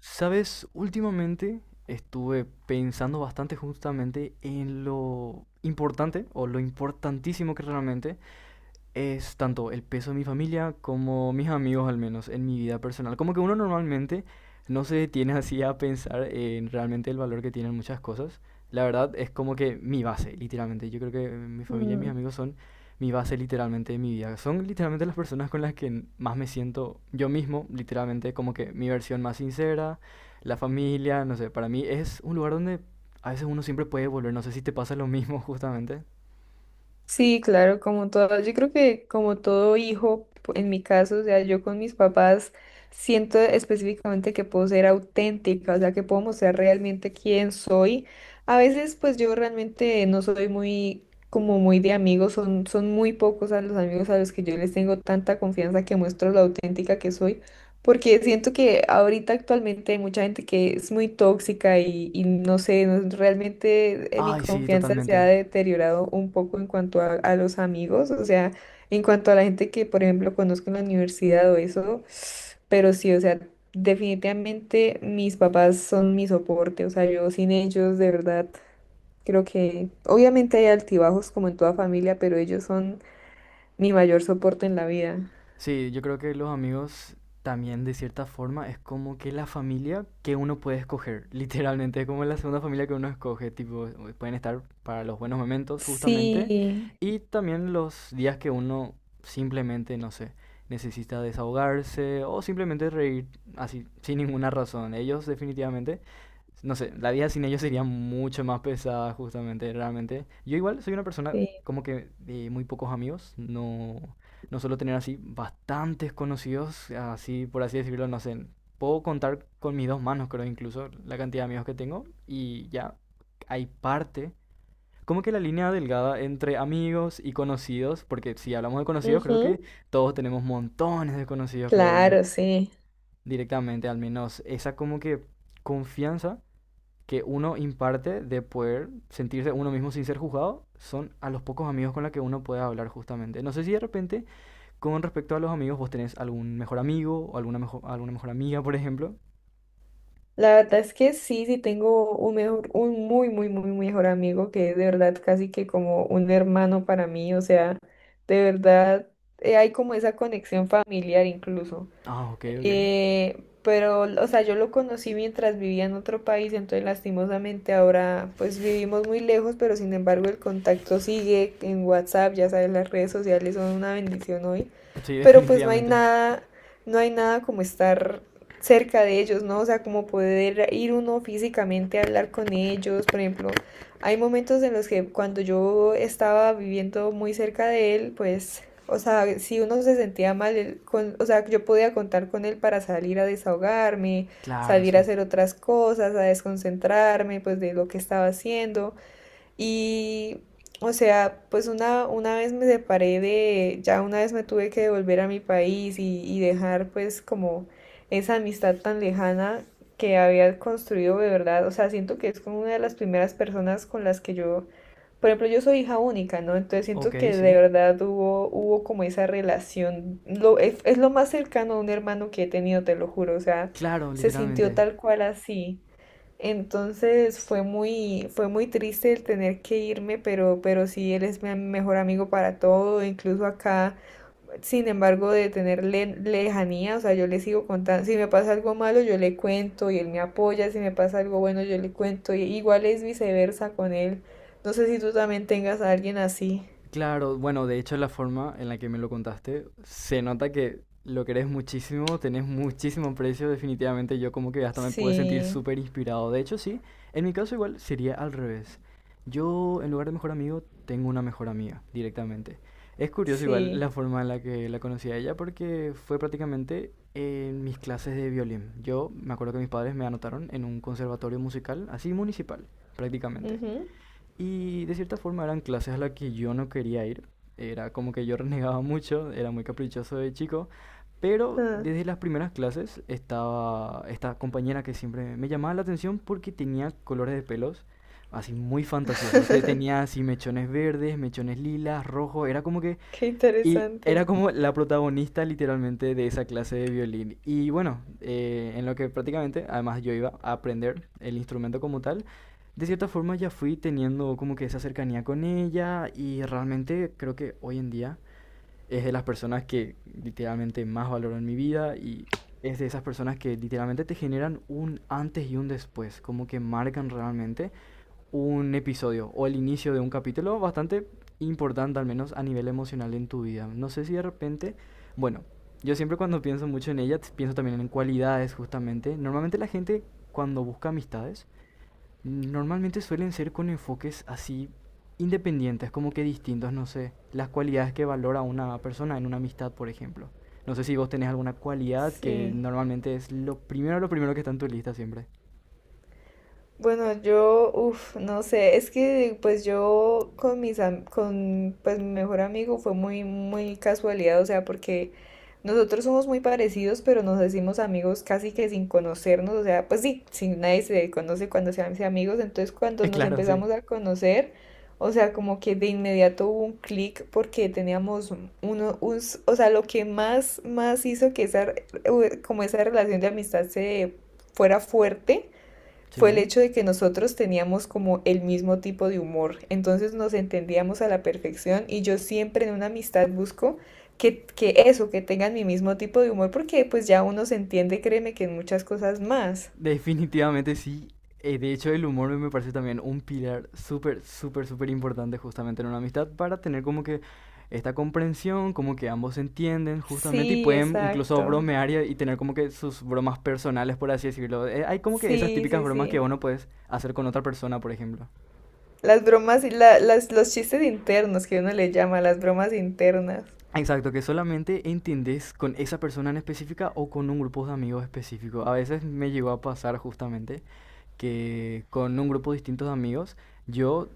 Sabes, últimamente estuve pensando bastante justamente en lo importante o lo importantísimo que realmente es tanto el peso de mi familia como mis amigos, al menos en mi vida personal. Como que uno normalmente no se detiene así a pensar en realmente el valor que tienen muchas cosas. La verdad es como que mi base, literalmente. Yo creo que mi familia y mis Mm, amigos son mi base literalmente de mi vida. Son literalmente las personas con las que más me siento yo mismo, literalmente como que mi versión más sincera. La familia, no sé, para mí es un lugar donde a veces uno siempre puede volver. No sé si te pasa lo mismo justamente. sí, claro, como todo, yo creo que como todo hijo, en mi caso, o sea, yo con mis papás siento específicamente que puedo ser auténtica, o sea, que puedo mostrar realmente quién soy. A veces, pues yo realmente no soy muy, como muy de amigos, son muy pocos a los amigos a los que yo les tengo tanta confianza que muestro lo auténtica que soy. Porque siento que ahorita actualmente hay mucha gente que es muy tóxica y no sé, realmente mi Ay, sí, confianza se ha totalmente. deteriorado un poco en cuanto a los amigos, o sea, en cuanto a la gente que, por ejemplo, conozco en la universidad o eso, pero sí, o sea, definitivamente mis papás son mi soporte, o sea, yo sin ellos, de verdad, creo que obviamente hay altibajos como en toda familia, pero ellos son mi mayor soporte en la vida. Sí, yo creo que los amigos también de cierta forma es como que la familia que uno puede escoger. Literalmente es como la segunda familia que uno escoge, tipo, pueden estar para los buenos momentos justamente Sí, y también los días que uno simplemente, no sé, necesita desahogarse o simplemente reír así, sin ninguna razón. Ellos definitivamente, no sé, la vida sin ellos sería mucho más pesada, justamente, realmente. Yo igual soy una persona sí. como que de muy pocos amigos. No, no suelo tener así bastantes conocidos, así por así decirlo, no sé. Puedo contar con mis dos manos, creo, incluso la cantidad de amigos que tengo, y ya hay parte, como que la línea delgada entre amigos y conocidos, porque si hablamos de conocidos, creo que Ujú. todos tenemos montones de conocidos, creo yo, Claro, sí. directamente. Al menos esa como que confianza que uno imparte de poder sentirse uno mismo sin ser juzgado son a los pocos amigos con los que uno puede hablar justamente. No sé si de repente con respecto a los amigos vos tenés algún mejor amigo o alguna mejor amiga, por ejemplo. La verdad es que sí, sí tengo un mejor, un muy, muy, muy mejor amigo que es de verdad casi que como un hermano para mí. O sea, de verdad hay como esa conexión familiar incluso. Ah, ok, ok. Pero, o sea, yo lo conocí mientras vivía en otro país, entonces lastimosamente ahora pues vivimos muy lejos, pero sin embargo el contacto sigue en WhatsApp, ya sabes, las redes sociales son una bendición hoy, Sí, pero pues no hay definitivamente. nada, no hay nada como estar cerca de ellos, ¿no? O sea, como poder ir uno físicamente a hablar con ellos, por ejemplo, hay momentos en los que cuando yo estaba viviendo muy cerca de él, pues o sea, si uno se sentía mal, él con, o sea, yo podía contar con él para salir a desahogarme, Claro, salir a sí. hacer otras cosas, a desconcentrarme, pues, de lo que estaba haciendo. Y, o sea, pues una vez me separé de, ya una vez me tuve que devolver a mi país y dejar, pues, como esa amistad tan lejana que había construido de verdad. O sea, siento que es como una de las primeras personas con las que yo por ejemplo, yo soy hija única, ¿no? Entonces Ok, siento que de sí. verdad hubo, hubo como esa relación. Es lo más cercano a un hermano que he tenido, te lo juro. O sea, Claro, se sintió literalmente. tal cual así. Entonces fue muy triste el tener que irme, pero sí, él es mi mejor amigo para todo. Incluso acá sin embargo, de tener lejanía, o sea, yo le sigo contando, si me pasa algo malo, yo le cuento y él me apoya, si me pasa algo bueno, yo le cuento, y igual es viceversa con él. No sé si tú también tengas a alguien así. Claro, bueno, de hecho la forma en la que me lo contaste, se nota que lo querés muchísimo, tenés muchísimo precio. Definitivamente yo como que hasta me pude sentir Sí, súper inspirado. De hecho, sí, en mi caso igual sería al revés. Yo en lugar de mejor amigo tengo una mejor amiga directamente. Es curioso igual sí. la forma en la que la conocí a ella, porque fue prácticamente en mis clases de violín. Yo me acuerdo que mis padres me anotaron en un conservatorio musical, así municipal, prácticamente. Ujú. Y de cierta forma eran clases a las que yo no quería ir. Era como que yo renegaba mucho, era muy caprichoso de chico. Pero Ah, desde las primeras clases estaba esta compañera que siempre me llamaba la atención porque tenía colores de pelos así muy fantasiosos. Tenía así mechones verdes, mechones lilas, rojos. Era como que qué y era interesante. como la protagonista literalmente de esa clase de violín. Y bueno, en lo que prácticamente, además yo iba a aprender el instrumento como tal, de cierta forma ya fui teniendo como que esa cercanía con ella, y realmente creo que hoy en día es de las personas que literalmente más valoro en mi vida, y es de esas personas que literalmente te generan un antes y un después, como que marcan realmente un episodio o el inicio de un capítulo bastante importante, al menos a nivel emocional en tu vida. No sé si de repente, bueno, yo siempre cuando pienso mucho en ella, pienso también en cualidades justamente. Normalmente la gente cuando busca amistades, normalmente suelen ser con enfoques así independientes, como que distintos, no sé, las cualidades que valora una persona en una amistad, por ejemplo. No sé si vos tenés alguna cualidad que Sí. normalmente es lo primero que está en tu lista siempre. Bueno, yo, uff, no sé, es que pues yo con con pues mi mejor amigo fue muy muy casualidad, o sea, porque nosotros somos muy parecidos, pero nos decimos amigos casi que sin conocernos, o sea, pues sí, sí, nadie se conoce cuando se hace amigos, entonces cuando nos Claro, sí. empezamos a conocer, o sea, como que de inmediato hubo un clic porque teníamos o sea, lo que más hizo que esa como esa relación de amistad se fuera fuerte fue el Sí. hecho de que nosotros teníamos como el mismo tipo de humor, entonces nos entendíamos a la perfección y yo siempre en una amistad busco que eso, que tengan mi mismo tipo de humor, porque pues ya uno se entiende, créeme, que en muchas cosas más. Definitivamente sí. De hecho, el humor me parece también un pilar súper, súper, súper importante justamente en una amistad para tener como que esta comprensión, como que ambos se entienden justamente y Sí, pueden incluso exacto. bromear y tener como que sus bromas personales, por así decirlo. Hay como que esas Sí, típicas sí, bromas que sí. uno puedes hacer con otra persona, por ejemplo. Las bromas, y los chistes internos que uno le llama, las bromas internas. Exacto, que solamente entendés con esa persona en específica o con un grupo de amigos específico. A veces me llegó a pasar justamente que con un grupo distinto de amigos yo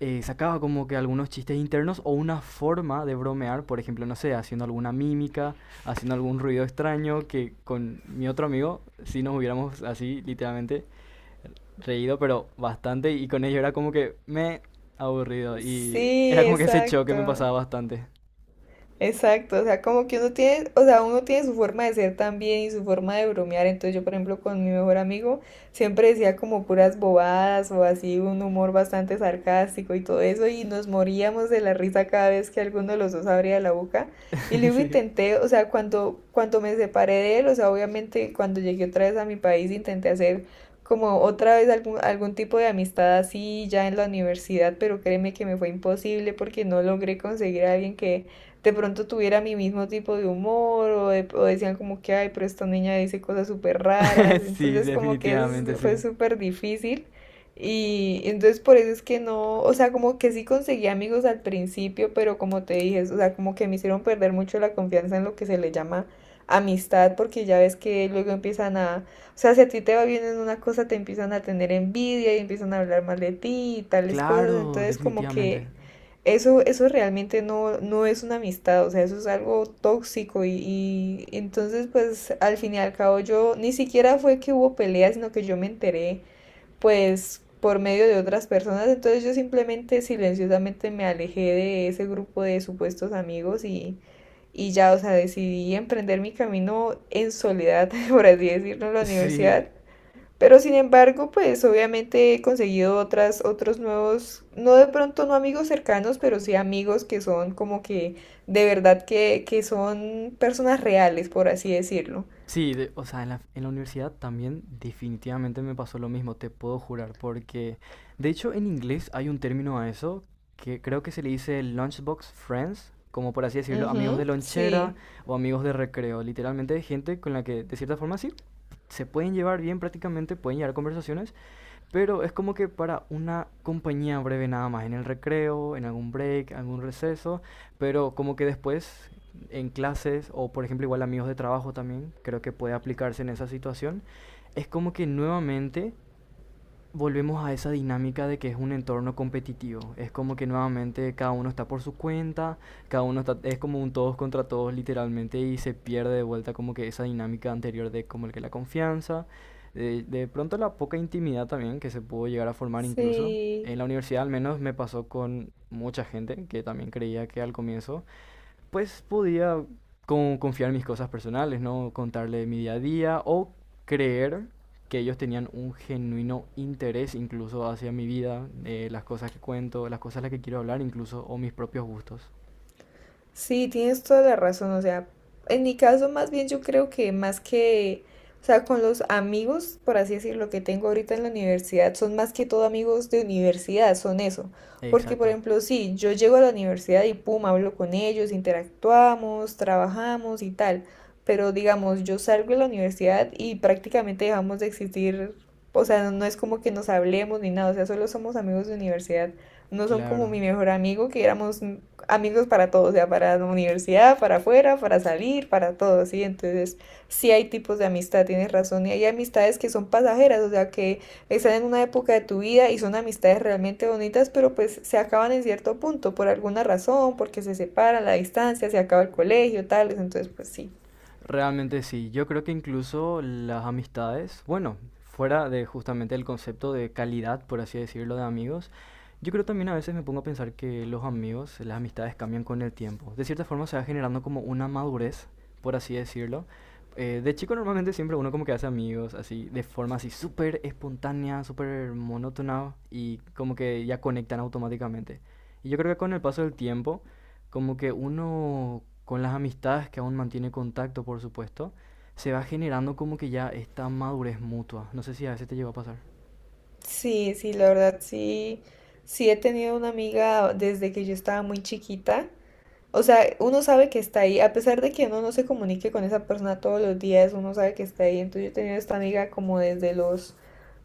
sacaba como que algunos chistes internos o una forma de bromear, por ejemplo, no sé, haciendo alguna mímica, haciendo algún ruido extraño, que con mi otro amigo sí nos hubiéramos así literalmente reído, pero bastante, y con ello era como que me aburrido, y Sí, era como que ese choque me exacto. pasaba bastante. Exacto, o sea, como que uno tiene, o sea, uno tiene su forma de ser también y su forma de bromear. Entonces yo, por ejemplo, con mi mejor amigo siempre decía como puras bobadas o así un humor bastante sarcástico y todo eso y nos moríamos de la risa cada vez que alguno de los dos abría la boca. Y luego Sí. intenté, o sea, cuando me separé de él, o sea, obviamente cuando llegué otra vez a mi país intenté hacer como otra vez algún tipo de amistad así ya en la universidad, pero créeme que me fue imposible porque no logré conseguir a alguien que de pronto tuviera mi mismo tipo de humor o decían como que, ay, pero esta niña dice cosas súper raras, Sí, entonces como que definitivamente, fue sí. súper difícil y entonces por eso es que no, o sea, como que sí conseguí amigos al principio, pero como te dije, o sea, como que me hicieron perder mucho la confianza en lo que se le llama amistad, porque ya ves que luego empiezan a, o sea, si a ti te va bien en una cosa, te empiezan a tener envidia y empiezan a hablar mal de ti y tales cosas, Claro, entonces como que... definitivamente. Eso realmente no, no es una amistad, o sea, eso es algo tóxico y entonces pues al fin y al cabo yo ni siquiera fue que hubo peleas, sino que yo me enteré pues por medio de otras personas, entonces yo simplemente silenciosamente me alejé de ese grupo de supuestos amigos y ya, o sea, decidí emprender mi camino en soledad, por así decirlo, en la Sí, universidad pero sin embargo, pues obviamente he conseguido otras, otros nuevos, no de pronto no amigos cercanos, pero sí amigos que son como que de verdad que son personas reales, por así decirlo. sí, o sea, en la universidad también definitivamente me pasó lo mismo, te puedo jurar, porque de hecho en inglés hay un término a eso, que creo que se le dice lunchbox friends, como por así decirlo, amigos de Ujú, lonchera sí, o amigos de recreo, literalmente gente con la que de cierta forma sí se pueden llevar bien prácticamente, pueden llevar conversaciones, pero es como que para una compañía breve nada más, en el recreo, en algún break, algún receso, pero como que después en clases o por ejemplo igual amigos de trabajo también, creo que puede aplicarse en esa situación. Es como que nuevamente volvemos a esa dinámica de que es un entorno competitivo. Es como que nuevamente cada uno está por su cuenta, cada uno está, es como un todos contra todos literalmente, y se pierde de vuelta como que esa dinámica anterior de como el que la confianza, de pronto la poca intimidad también que se pudo llegar a formar incluso. sí. En la universidad al menos me pasó con mucha gente que también creía que al comienzo pues podía confiar en mis cosas personales, ¿no? Contarle mi día a día o creer que ellos tenían un genuino interés incluso hacia mi vida, las cosas que cuento, las cosas a las que quiero hablar incluso, o mis propios gustos. Sí, tienes toda la razón. O sea, en mi caso más bien yo creo que más que, o sea, con los amigos, por así decirlo, que tengo ahorita en la universidad, son más que todo amigos de universidad, son eso. Porque, por Exacto. ejemplo, sí, yo llego a la universidad y pum, hablo con ellos, interactuamos, trabajamos y tal. Pero digamos, yo salgo de la universidad y prácticamente dejamos de existir, o sea, no es como que nos hablemos ni nada, o sea, solo somos amigos de universidad, no son como Claro. mi mejor amigo, que éramos amigos para todo, o sea, para la universidad, para afuera, para salir, para todo, ¿sí? Entonces, sí hay tipos de amistad, tienes razón, y hay amistades que son pasajeras, o sea, que están en una época de tu vida y son amistades realmente bonitas, pero pues se acaban en cierto punto, por alguna razón, porque se separan, la distancia, se acaba el colegio, tales, entonces, pues sí. Realmente sí, yo creo que incluso las amistades, bueno, fuera de justamente el concepto de calidad, por así decirlo, de amigos, yo creo también a veces me pongo a pensar que los amigos, las amistades cambian con el tiempo. De cierta forma se va generando como una madurez, por así decirlo. De chico normalmente siempre uno como que hace amigos, así, de forma así súper espontánea, súper monótona, y como que ya conectan automáticamente. Y yo creo que con el paso del tiempo como que uno, con las amistades que aún mantiene contacto, por supuesto, se va generando como que ya esta madurez mutua. No sé si a veces te llegó a pasar. Sí, sí, la verdad, sí, sí he tenido una amiga desde que yo estaba muy chiquita. O sea, uno sabe que está ahí, a pesar de que uno no se comunique con esa persona todos los días, uno sabe que está ahí. Entonces yo he tenido esta amiga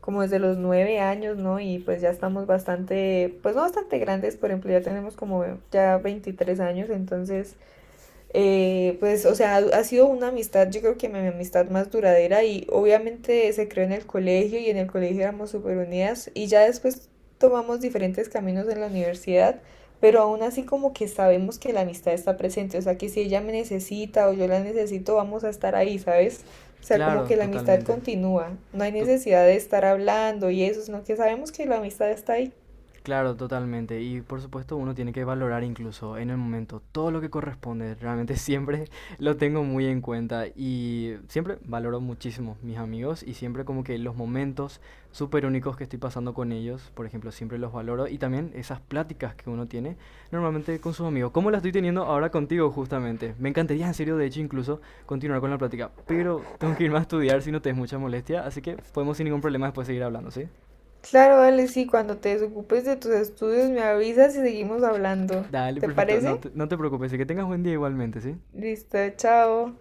como desde los 9 años, ¿no? Y pues ya estamos bastante, pues no bastante grandes, por ejemplo, ya tenemos como ya 23 años, entonces pues, o sea, ha sido una amistad, yo creo que mi amistad más duradera y obviamente se creó en el colegio y en el colegio éramos súper unidas y ya después tomamos diferentes caminos en la universidad, pero aún así como que sabemos que la amistad está presente, o sea, que si ella me necesita o yo la necesito, vamos a estar ahí, ¿sabes? O sea, como Claro, que la amistad totalmente. continúa, no hay To- necesidad de estar hablando y eso, sino que sabemos que la amistad está ahí. Claro, totalmente. Y por supuesto uno tiene que valorar incluso en el momento todo lo que corresponde. Realmente siempre lo tengo muy en cuenta, y siempre valoro muchísimo mis amigos y siempre como que los momentos súper únicos que estoy pasando con ellos, por ejemplo, siempre los valoro, y también esas pláticas que uno tiene normalmente con sus amigos. ¿Cómo la estoy teniendo ahora contigo justamente? Me encantaría en serio, de hecho, incluso continuar con la plática, pero tengo que irme a estudiar si no te es mucha molestia, así que podemos sin ningún problema después seguir hablando, ¿sí? Claro, vale, sí, cuando te desocupes de tus estudios me avisas y seguimos hablando. Dale, ¿Te perfecto. Parece? No te preocupes, y que tengas buen día igualmente, ¿sí? Listo, chao.